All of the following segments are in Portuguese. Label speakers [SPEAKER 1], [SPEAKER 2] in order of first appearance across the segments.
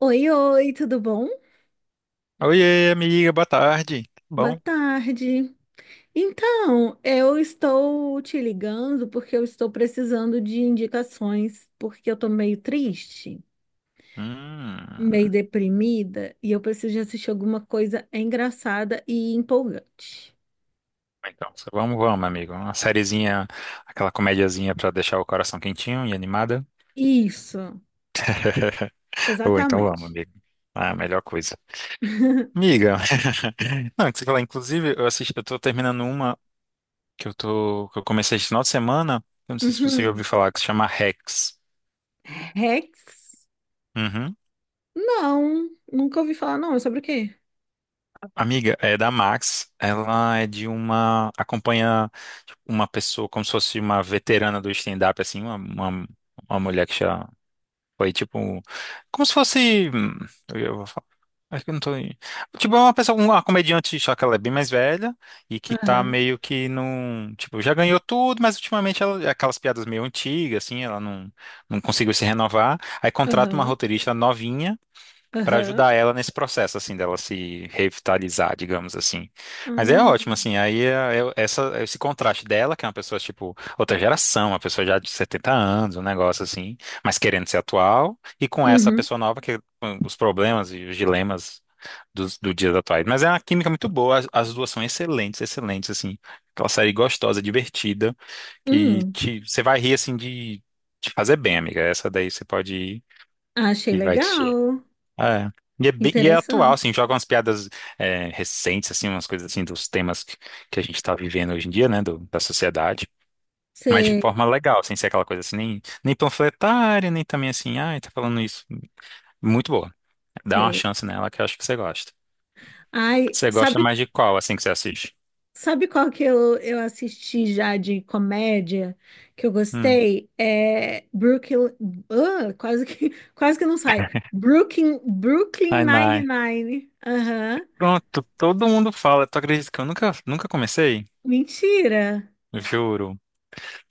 [SPEAKER 1] Oi, oi, tudo bom?
[SPEAKER 2] Oiê, amiga, boa tarde. Tudo
[SPEAKER 1] Boa
[SPEAKER 2] bom?
[SPEAKER 1] tarde. Então, eu estou te ligando porque eu estou precisando de indicações, porque eu tô meio triste,
[SPEAKER 2] Hum,
[SPEAKER 1] meio deprimida e eu preciso de assistir alguma coisa engraçada e empolgante.
[SPEAKER 2] então, só vamos, vamos, amigo. Uma sériezinha, aquela comediazinha pra deixar o coração quentinho e animada.
[SPEAKER 1] Isso,
[SPEAKER 2] Ou então vamos,
[SPEAKER 1] exatamente.
[SPEAKER 2] amigo. Ah, melhor coisa. Amiga, não, que você falar, inclusive, eu assisti, eu tô terminando uma que eu comecei esse final de semana. Eu não sei se você já ouviu
[SPEAKER 1] Uhum.
[SPEAKER 2] falar, que se chama Rex.
[SPEAKER 1] Rex?
[SPEAKER 2] Uhum.
[SPEAKER 1] Não, nunca ouvi falar, não. É sobre o quê?
[SPEAKER 2] Amiga, é da Max. Ela é de uma, acompanha tipo, uma pessoa como se fosse uma veterana do stand-up, assim, uma mulher que já foi tipo, como se fosse, eu vou falar, acho que eu não tô, tipo, é uma pessoa, uma comediante, só que ela é bem mais velha e que tá
[SPEAKER 1] Aham,
[SPEAKER 2] meio que num, tipo, já ganhou tudo, mas ultimamente ela, aquelas piadas meio antigas, assim, ela não conseguiu se renovar, aí contrata uma
[SPEAKER 1] aham,
[SPEAKER 2] roteirista novinha para
[SPEAKER 1] aham.
[SPEAKER 2] ajudar ela nesse processo, assim, dela se revitalizar, digamos assim. Mas é
[SPEAKER 1] Hum.
[SPEAKER 2] ótimo, assim, aí é essa, esse contraste dela, que é uma pessoa, tipo, outra geração, uma pessoa já de 70 anos, um negócio assim, mas querendo ser atual, e com essa
[SPEAKER 1] Uhum.
[SPEAKER 2] pessoa nova, que com os problemas e os dilemas do dias atuais. Mas é uma química muito boa, as duas são excelentes, excelentes, assim. Aquela série gostosa, divertida,
[SPEAKER 1] Hum.
[SPEAKER 2] você vai rir, assim, de fazer bem, amiga. Essa daí você pode ir
[SPEAKER 1] Achei
[SPEAKER 2] e vai te...
[SPEAKER 1] legal.
[SPEAKER 2] É. E é, e é atual,
[SPEAKER 1] Interessante.
[SPEAKER 2] assim, joga umas piadas recentes, assim, umas coisas assim dos temas que, a gente tá vivendo hoje em dia, né, da sociedade, mas de
[SPEAKER 1] Você
[SPEAKER 2] forma legal, sem ser aquela coisa assim, nem, nem panfletária, nem também assim, ai, tá falando isso. Muito boa. Dá uma
[SPEAKER 1] vê.
[SPEAKER 2] chance nela que eu acho que você gosta.
[SPEAKER 1] Ai,
[SPEAKER 2] Você gosta
[SPEAKER 1] sabe,
[SPEAKER 2] mais de qual, assim, que você assiste?
[SPEAKER 1] sabe qual que eu assisti já de comédia que eu
[SPEAKER 2] Hum.
[SPEAKER 1] gostei? É Brooklyn. Ah, quase que, quase que não sai. Brooklyn, Brooklyn
[SPEAKER 2] Ai, nai.
[SPEAKER 1] Nine-Nine. Aham.
[SPEAKER 2] Pronto, todo mundo fala. Tu acredita que eu nunca, nunca comecei?
[SPEAKER 1] Mentira.
[SPEAKER 2] Juro.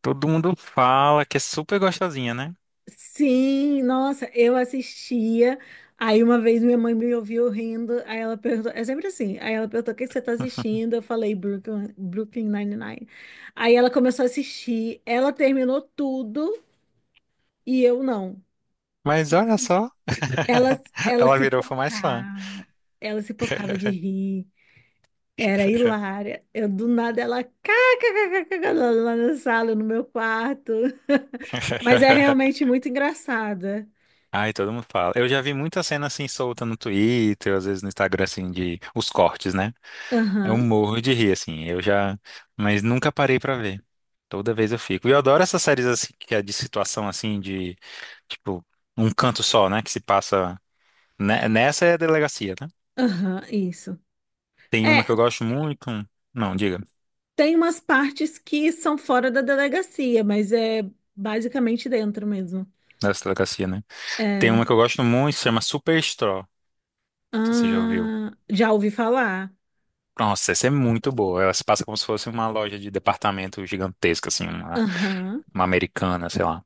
[SPEAKER 2] Todo mundo fala que é super gostosinha, né?
[SPEAKER 1] Sim, nossa, eu assistia. Aí uma vez minha mãe me ouviu rindo, aí ela perguntou, é sempre assim, aí ela perguntou o que que você tá assistindo, eu falei Brooklyn, Brooklyn Nine-Nine. Aí ela começou a assistir, ela terminou tudo e eu não.
[SPEAKER 2] Mas olha só,
[SPEAKER 1] Ela, ela
[SPEAKER 2] ela
[SPEAKER 1] se
[SPEAKER 2] virou fã mais fã.
[SPEAKER 1] pocava, ela se pocava de rir, era hilária. Eu do nada ela kkkk, lá lá na sala, no meu quarto. Mas é realmente muito engraçada.
[SPEAKER 2] Ai, todo mundo fala. Eu já vi muita cena assim solta no Twitter, às vezes no Instagram, assim, de os cortes, né? Eu
[SPEAKER 1] Aham,
[SPEAKER 2] morro de rir, assim. Eu já. Mas nunca parei pra ver. Toda vez eu fico. E eu adoro essas séries assim, que é de situação assim, de tipo, um canto só, né? Que se passa. Nessa é a delegacia, né?
[SPEAKER 1] aham, isso.
[SPEAKER 2] Tem uma
[SPEAKER 1] É,
[SPEAKER 2] que eu gosto muito. Não, diga,
[SPEAKER 1] tem umas partes que são fora da delegacia, mas é basicamente dentro mesmo.
[SPEAKER 2] nessa delegacia, né? Tem uma
[SPEAKER 1] É.
[SPEAKER 2] que eu gosto muito, se chama Superstore. Não sei se você já ouviu?
[SPEAKER 1] Ah, já ouvi falar.
[SPEAKER 2] Nossa, essa é muito boa. Ela se passa como se fosse uma loja de departamento gigantesca, assim,
[SPEAKER 1] Aham.
[SPEAKER 2] uma americana, sei lá.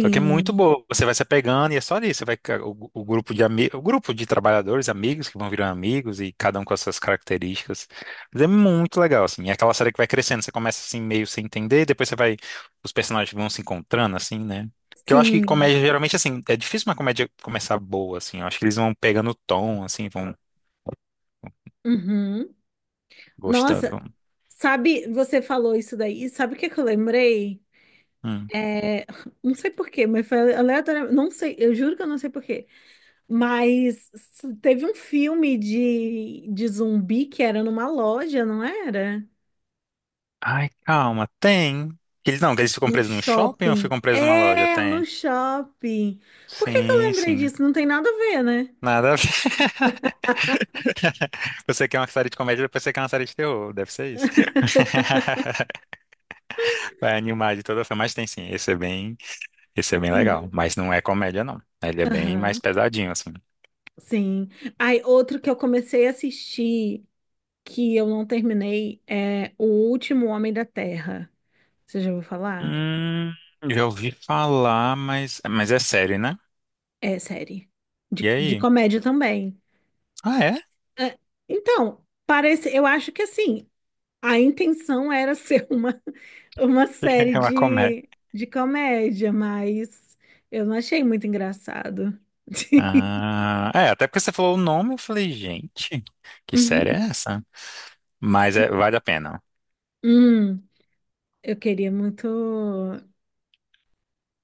[SPEAKER 2] Só que é muito boa. Você vai se apegando e é só isso. Você vai, o o grupo de trabalhadores, amigos que vão virando amigos e cada um com as suas características. Mas é muito legal, assim. É aquela série que vai crescendo. Você começa assim meio sem entender, depois você vai, os personagens vão se encontrando, assim, né? Que eu acho que
[SPEAKER 1] Sim.
[SPEAKER 2] comédia geralmente assim é difícil uma comédia começar boa, assim. Eu acho que eles vão pegando o tom, assim, vão
[SPEAKER 1] Uhum.
[SPEAKER 2] gostando.
[SPEAKER 1] Nossa,
[SPEAKER 2] Vão...
[SPEAKER 1] sabe, você falou isso daí, e sabe o que que eu lembrei?
[SPEAKER 2] Hum.
[SPEAKER 1] É, não sei por quê, mas foi aleatório, não sei, eu juro que eu não sei por quê. Mas teve um filme de zumbi que era numa loja, não era?
[SPEAKER 2] Ai, calma, tem. Eles não, eles ficam
[SPEAKER 1] No
[SPEAKER 2] presos no shopping ou
[SPEAKER 1] shopping.
[SPEAKER 2] ficam presos numa loja?
[SPEAKER 1] É, no
[SPEAKER 2] Tem.
[SPEAKER 1] shopping. Por que que eu
[SPEAKER 2] Sim,
[SPEAKER 1] lembrei
[SPEAKER 2] sim.
[SPEAKER 1] disso? Não tem nada a ver, né?
[SPEAKER 2] Nada a ver. Você quer uma série de comédia, depois você quer uma série de terror. Deve ser isso. Vai animar de toda forma. Mas tem sim. Esse é bem legal.
[SPEAKER 1] Uhum.
[SPEAKER 2] Mas não é comédia, não. Ele é bem mais
[SPEAKER 1] Aham,
[SPEAKER 2] pesadinho, assim.
[SPEAKER 1] sim. Aí, outro que eu comecei a assistir, que eu não terminei, é O Último Homem da Terra. Você já ouviu falar?
[SPEAKER 2] Hum, já ouvi falar, mas é sério, né?
[SPEAKER 1] É série.
[SPEAKER 2] E
[SPEAKER 1] De
[SPEAKER 2] aí?
[SPEAKER 1] comédia também.
[SPEAKER 2] Ah, é?
[SPEAKER 1] É, então, parece, eu acho que assim, a intenção era ser uma série
[SPEAKER 2] É uma comédia.
[SPEAKER 1] de comédia, mas eu não achei muito engraçado.
[SPEAKER 2] Ah, é, até porque você falou o nome, eu falei, gente, que série
[SPEAKER 1] Uhum.
[SPEAKER 2] é essa? Mas é, vale a pena.
[SPEAKER 1] Hum, eu queria muito,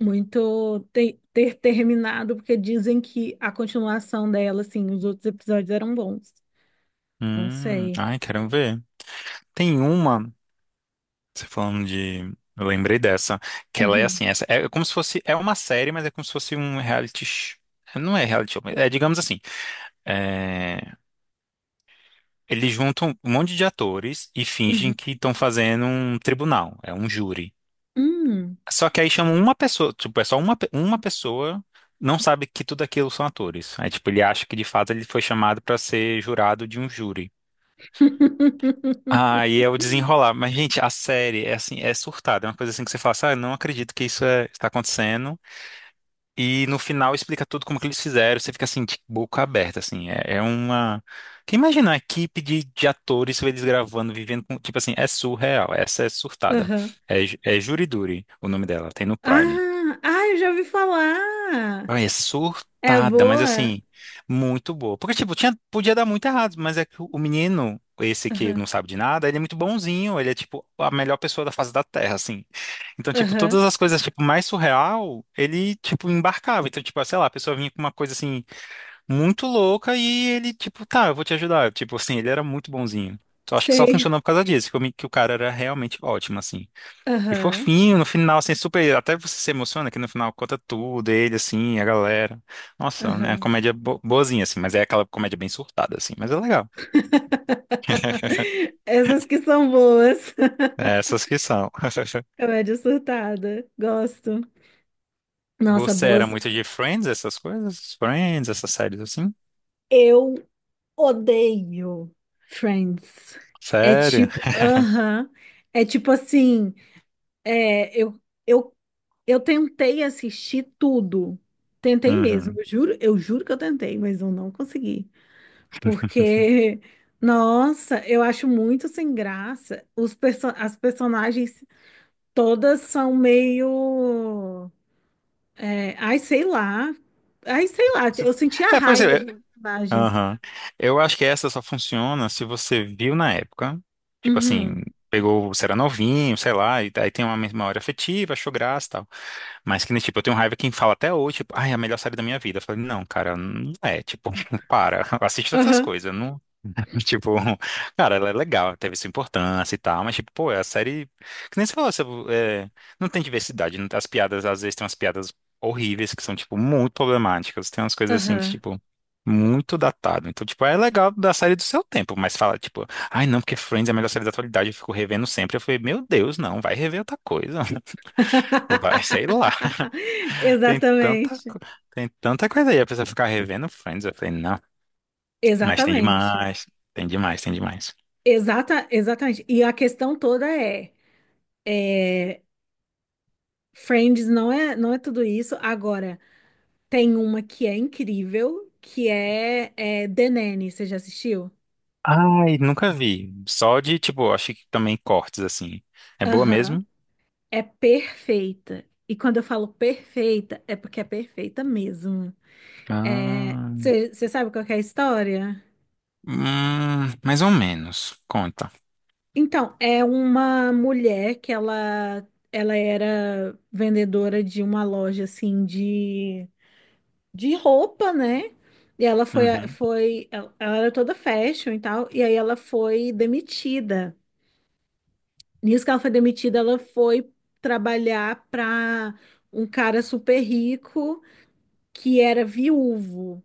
[SPEAKER 1] muito ter, ter terminado, porque dizem que a continuação dela, assim, os outros episódios eram bons. Não sei.
[SPEAKER 2] Ai, quero ver. Tem uma, você falando de. Eu lembrei dessa, que ela é
[SPEAKER 1] Uhum,
[SPEAKER 2] assim, essa, é como se fosse, é uma série, mas é como se fosse um reality, não é reality show, mas é digamos assim, é, eles juntam um monte de atores e
[SPEAKER 1] uhum,
[SPEAKER 2] fingem que estão fazendo um tribunal, é um júri.
[SPEAKER 1] hum.
[SPEAKER 2] Só que aí chamam uma pessoa, tipo, é só uma, uma pessoa não sabe que tudo aquilo são atores. Aí, tipo, ele acha que de fato ele foi chamado para ser jurado de um júri. Ah, e é o desenrolar. Mas, gente, a série é assim, é surtada. É uma coisa assim que você fala assim, ah, eu não acredito que isso está acontecendo. E no final explica tudo como que eles fizeram. Você fica assim, de boca aberta, assim. É, é uma. Quem imagina a equipe de atores, eles gravando, vivendo com. Tipo assim, é surreal. Essa é surtada.
[SPEAKER 1] Aham.
[SPEAKER 2] É, é Jury Duty, o nome dela. Tem no Prime.
[SPEAKER 1] Ah, ah, eu já ouvi falar.
[SPEAKER 2] Ai, é
[SPEAKER 1] É
[SPEAKER 2] surtada, mas
[SPEAKER 1] boa?
[SPEAKER 2] assim, muito boa. Porque, tipo, tinha, podia dar muito errado, mas é que o menino, esse que não
[SPEAKER 1] Aham.
[SPEAKER 2] sabe de nada, ele é muito bonzinho, ele é, tipo, a melhor pessoa da face da Terra, assim. Então, tipo,
[SPEAKER 1] Aham,
[SPEAKER 2] todas as coisas, tipo, mais surreal, ele, tipo, embarcava. Então, tipo, sei lá, a pessoa vinha com uma coisa, assim, muito louca e ele, tipo, tá, eu vou te ajudar. Tipo, assim, ele era muito bonzinho. Então, acho que só
[SPEAKER 1] sei.
[SPEAKER 2] funcionou por causa disso, que, que o cara era realmente ótimo, assim. E
[SPEAKER 1] Aham,
[SPEAKER 2] fofinho, no final, assim, super. Até você se emociona que no final conta tudo, ele, assim, a galera. Nossa, né? Uma
[SPEAKER 1] aham.
[SPEAKER 2] comédia boazinha, assim, mas é aquela comédia bem surtada, assim, mas é legal.
[SPEAKER 1] Essas que são boas.
[SPEAKER 2] É, essas que são.
[SPEAKER 1] Comédia surtada. Gosto. Nossa,
[SPEAKER 2] Você era
[SPEAKER 1] boas.
[SPEAKER 2] muito de Friends, essas coisas? Friends, essas séries assim?
[SPEAKER 1] Eu odeio Friends. É
[SPEAKER 2] Sério?
[SPEAKER 1] tipo, aham. É tipo assim, é, eu, eu tentei assistir tudo. Tentei mesmo,
[SPEAKER 2] Uhum.
[SPEAKER 1] eu juro que eu tentei, mas eu não consegui. Porque, nossa, eu acho muito sem graça. Os perso as personagens todas são meio. É, ai, sei lá. Ai, sei lá.
[SPEAKER 2] Se-
[SPEAKER 1] Eu senti a
[SPEAKER 2] É, pois
[SPEAKER 1] raiva
[SPEAKER 2] é.
[SPEAKER 1] dos personagens.
[SPEAKER 2] Aham. Eu acho que essa só funciona se você viu na época. Tipo assim,
[SPEAKER 1] Uhum.
[SPEAKER 2] pegou, você era novinho, sei lá, e daí tem uma memória afetiva, achou graça e tal. Mas que nem, tipo, eu tenho raiva quem fala até hoje, tipo, ai, é a melhor série da minha vida. Eu falei, não, cara, não é, tipo, para, assiste outras
[SPEAKER 1] Aham.
[SPEAKER 2] coisas, não, tipo, cara, ela é legal, teve sua importância e tal, mas, tipo, pô, é a série, que nem você falou, você, é, não tem diversidade, as piadas, às vezes, tem umas piadas horríveis que são, tipo, muito problemáticas, tem umas coisas assim que,
[SPEAKER 1] Aham.
[SPEAKER 2] tipo, muito datado. Então, tipo, é legal da série do seu tempo, mas fala, tipo, ai, não, porque Friends é a melhor série da atualidade, eu fico revendo sempre. Eu falei, meu Deus, não, vai rever outra coisa, vai, sei lá. Tem tanta,
[SPEAKER 1] Exatamente.
[SPEAKER 2] co- Tem tanta coisa aí. A pessoa ficar revendo Friends. Eu falei, não, mas tem
[SPEAKER 1] Exatamente.
[SPEAKER 2] demais. Tem demais, tem demais.
[SPEAKER 1] Exatamente. E a questão toda é: Friends não é, não é tudo isso. Agora. Tem uma que é incrível, que é, é The Nanny. Você já assistiu?
[SPEAKER 2] Ai, nunca vi. Só de, tipo, acho que também cortes, assim. É boa
[SPEAKER 1] Aham.
[SPEAKER 2] mesmo?
[SPEAKER 1] É perfeita. E quando eu falo perfeita, é porque é perfeita mesmo. É,
[SPEAKER 2] Ah,
[SPEAKER 1] você sabe qual que é a história?
[SPEAKER 2] mais ou menos. Conta.
[SPEAKER 1] Então, é uma mulher que ela era vendedora de uma loja assim de roupa, né? E ela foi,
[SPEAKER 2] Uhum.
[SPEAKER 1] foi, ela era toda fashion e tal, e aí ela foi demitida. Nisso que ela foi demitida, ela foi trabalhar para um cara super rico que era viúvo.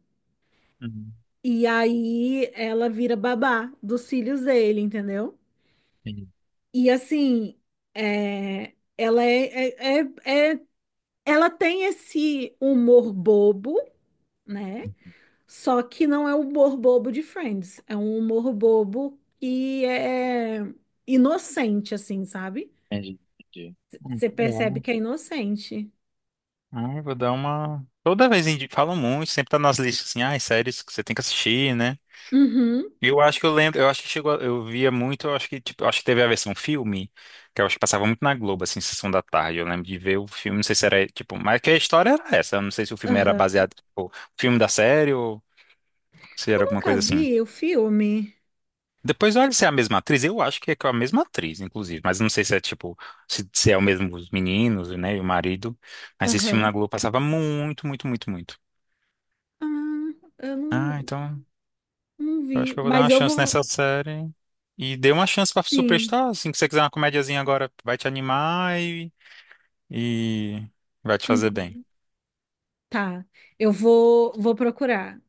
[SPEAKER 2] Uhum.
[SPEAKER 1] E aí ela vira babá dos filhos dele, entendeu?
[SPEAKER 2] Entendi,
[SPEAKER 1] E assim, é, ela é, é, é, é- ela tem esse humor bobo, né? Só que não é o humor bobo de Friends, é um humor bobo que é inocente, assim, sabe?
[SPEAKER 2] entendi. Entendi.
[SPEAKER 1] Você percebe
[SPEAKER 2] Bom.
[SPEAKER 1] que é inocente.
[SPEAKER 2] Ah, eu vou dar uma. Toda vez falam muito, sempre tá nas listas assim, ah, séries que você tem que assistir, né?
[SPEAKER 1] Uhum.
[SPEAKER 2] Eu acho que eu lembro, eu acho que chegou, eu via muito, eu acho que tipo, eu acho que teve a versão filme, que eu acho que passava muito na Globo, assim, sessão da tarde. Eu lembro de ver o filme, não sei se era, tipo, mas que a história era essa, eu não sei se o filme era
[SPEAKER 1] Aham.
[SPEAKER 2] baseado, tipo, filme da série ou se era
[SPEAKER 1] Eu
[SPEAKER 2] alguma
[SPEAKER 1] nunca
[SPEAKER 2] coisa assim.
[SPEAKER 1] vi o filme.
[SPEAKER 2] Depois olha se é a mesma atriz, eu acho que é com a mesma atriz, inclusive, mas não sei se é tipo, se é o mesmo os meninos, né, e o marido, mas esse filme
[SPEAKER 1] Aham.
[SPEAKER 2] na Globo passava muito, muito, muito, muito.
[SPEAKER 1] Ah, eu
[SPEAKER 2] Ah,
[SPEAKER 1] não,
[SPEAKER 2] então
[SPEAKER 1] não
[SPEAKER 2] eu acho
[SPEAKER 1] vi.
[SPEAKER 2] que eu vou dar
[SPEAKER 1] Mas
[SPEAKER 2] uma
[SPEAKER 1] eu
[SPEAKER 2] chance
[SPEAKER 1] vou.
[SPEAKER 2] nessa série. E dê uma chance pra
[SPEAKER 1] Sim.
[SPEAKER 2] Superstar, assim, que você quiser uma comediazinha agora, vai te animar e vai te fazer bem.
[SPEAKER 1] Uhum. Tá. Eu vou, vou procurar.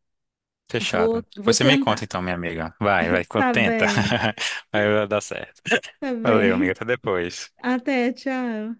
[SPEAKER 1] Vou,
[SPEAKER 2] Fechado.
[SPEAKER 1] vou
[SPEAKER 2] Depois você me conta
[SPEAKER 1] tentar.
[SPEAKER 2] então, minha amiga. Vai, vai,
[SPEAKER 1] Tá
[SPEAKER 2] tenta.
[SPEAKER 1] bem.
[SPEAKER 2] Vai dar certo.
[SPEAKER 1] Tá
[SPEAKER 2] Valeu, amiga.
[SPEAKER 1] bem.
[SPEAKER 2] Até depois.
[SPEAKER 1] Até, tchau.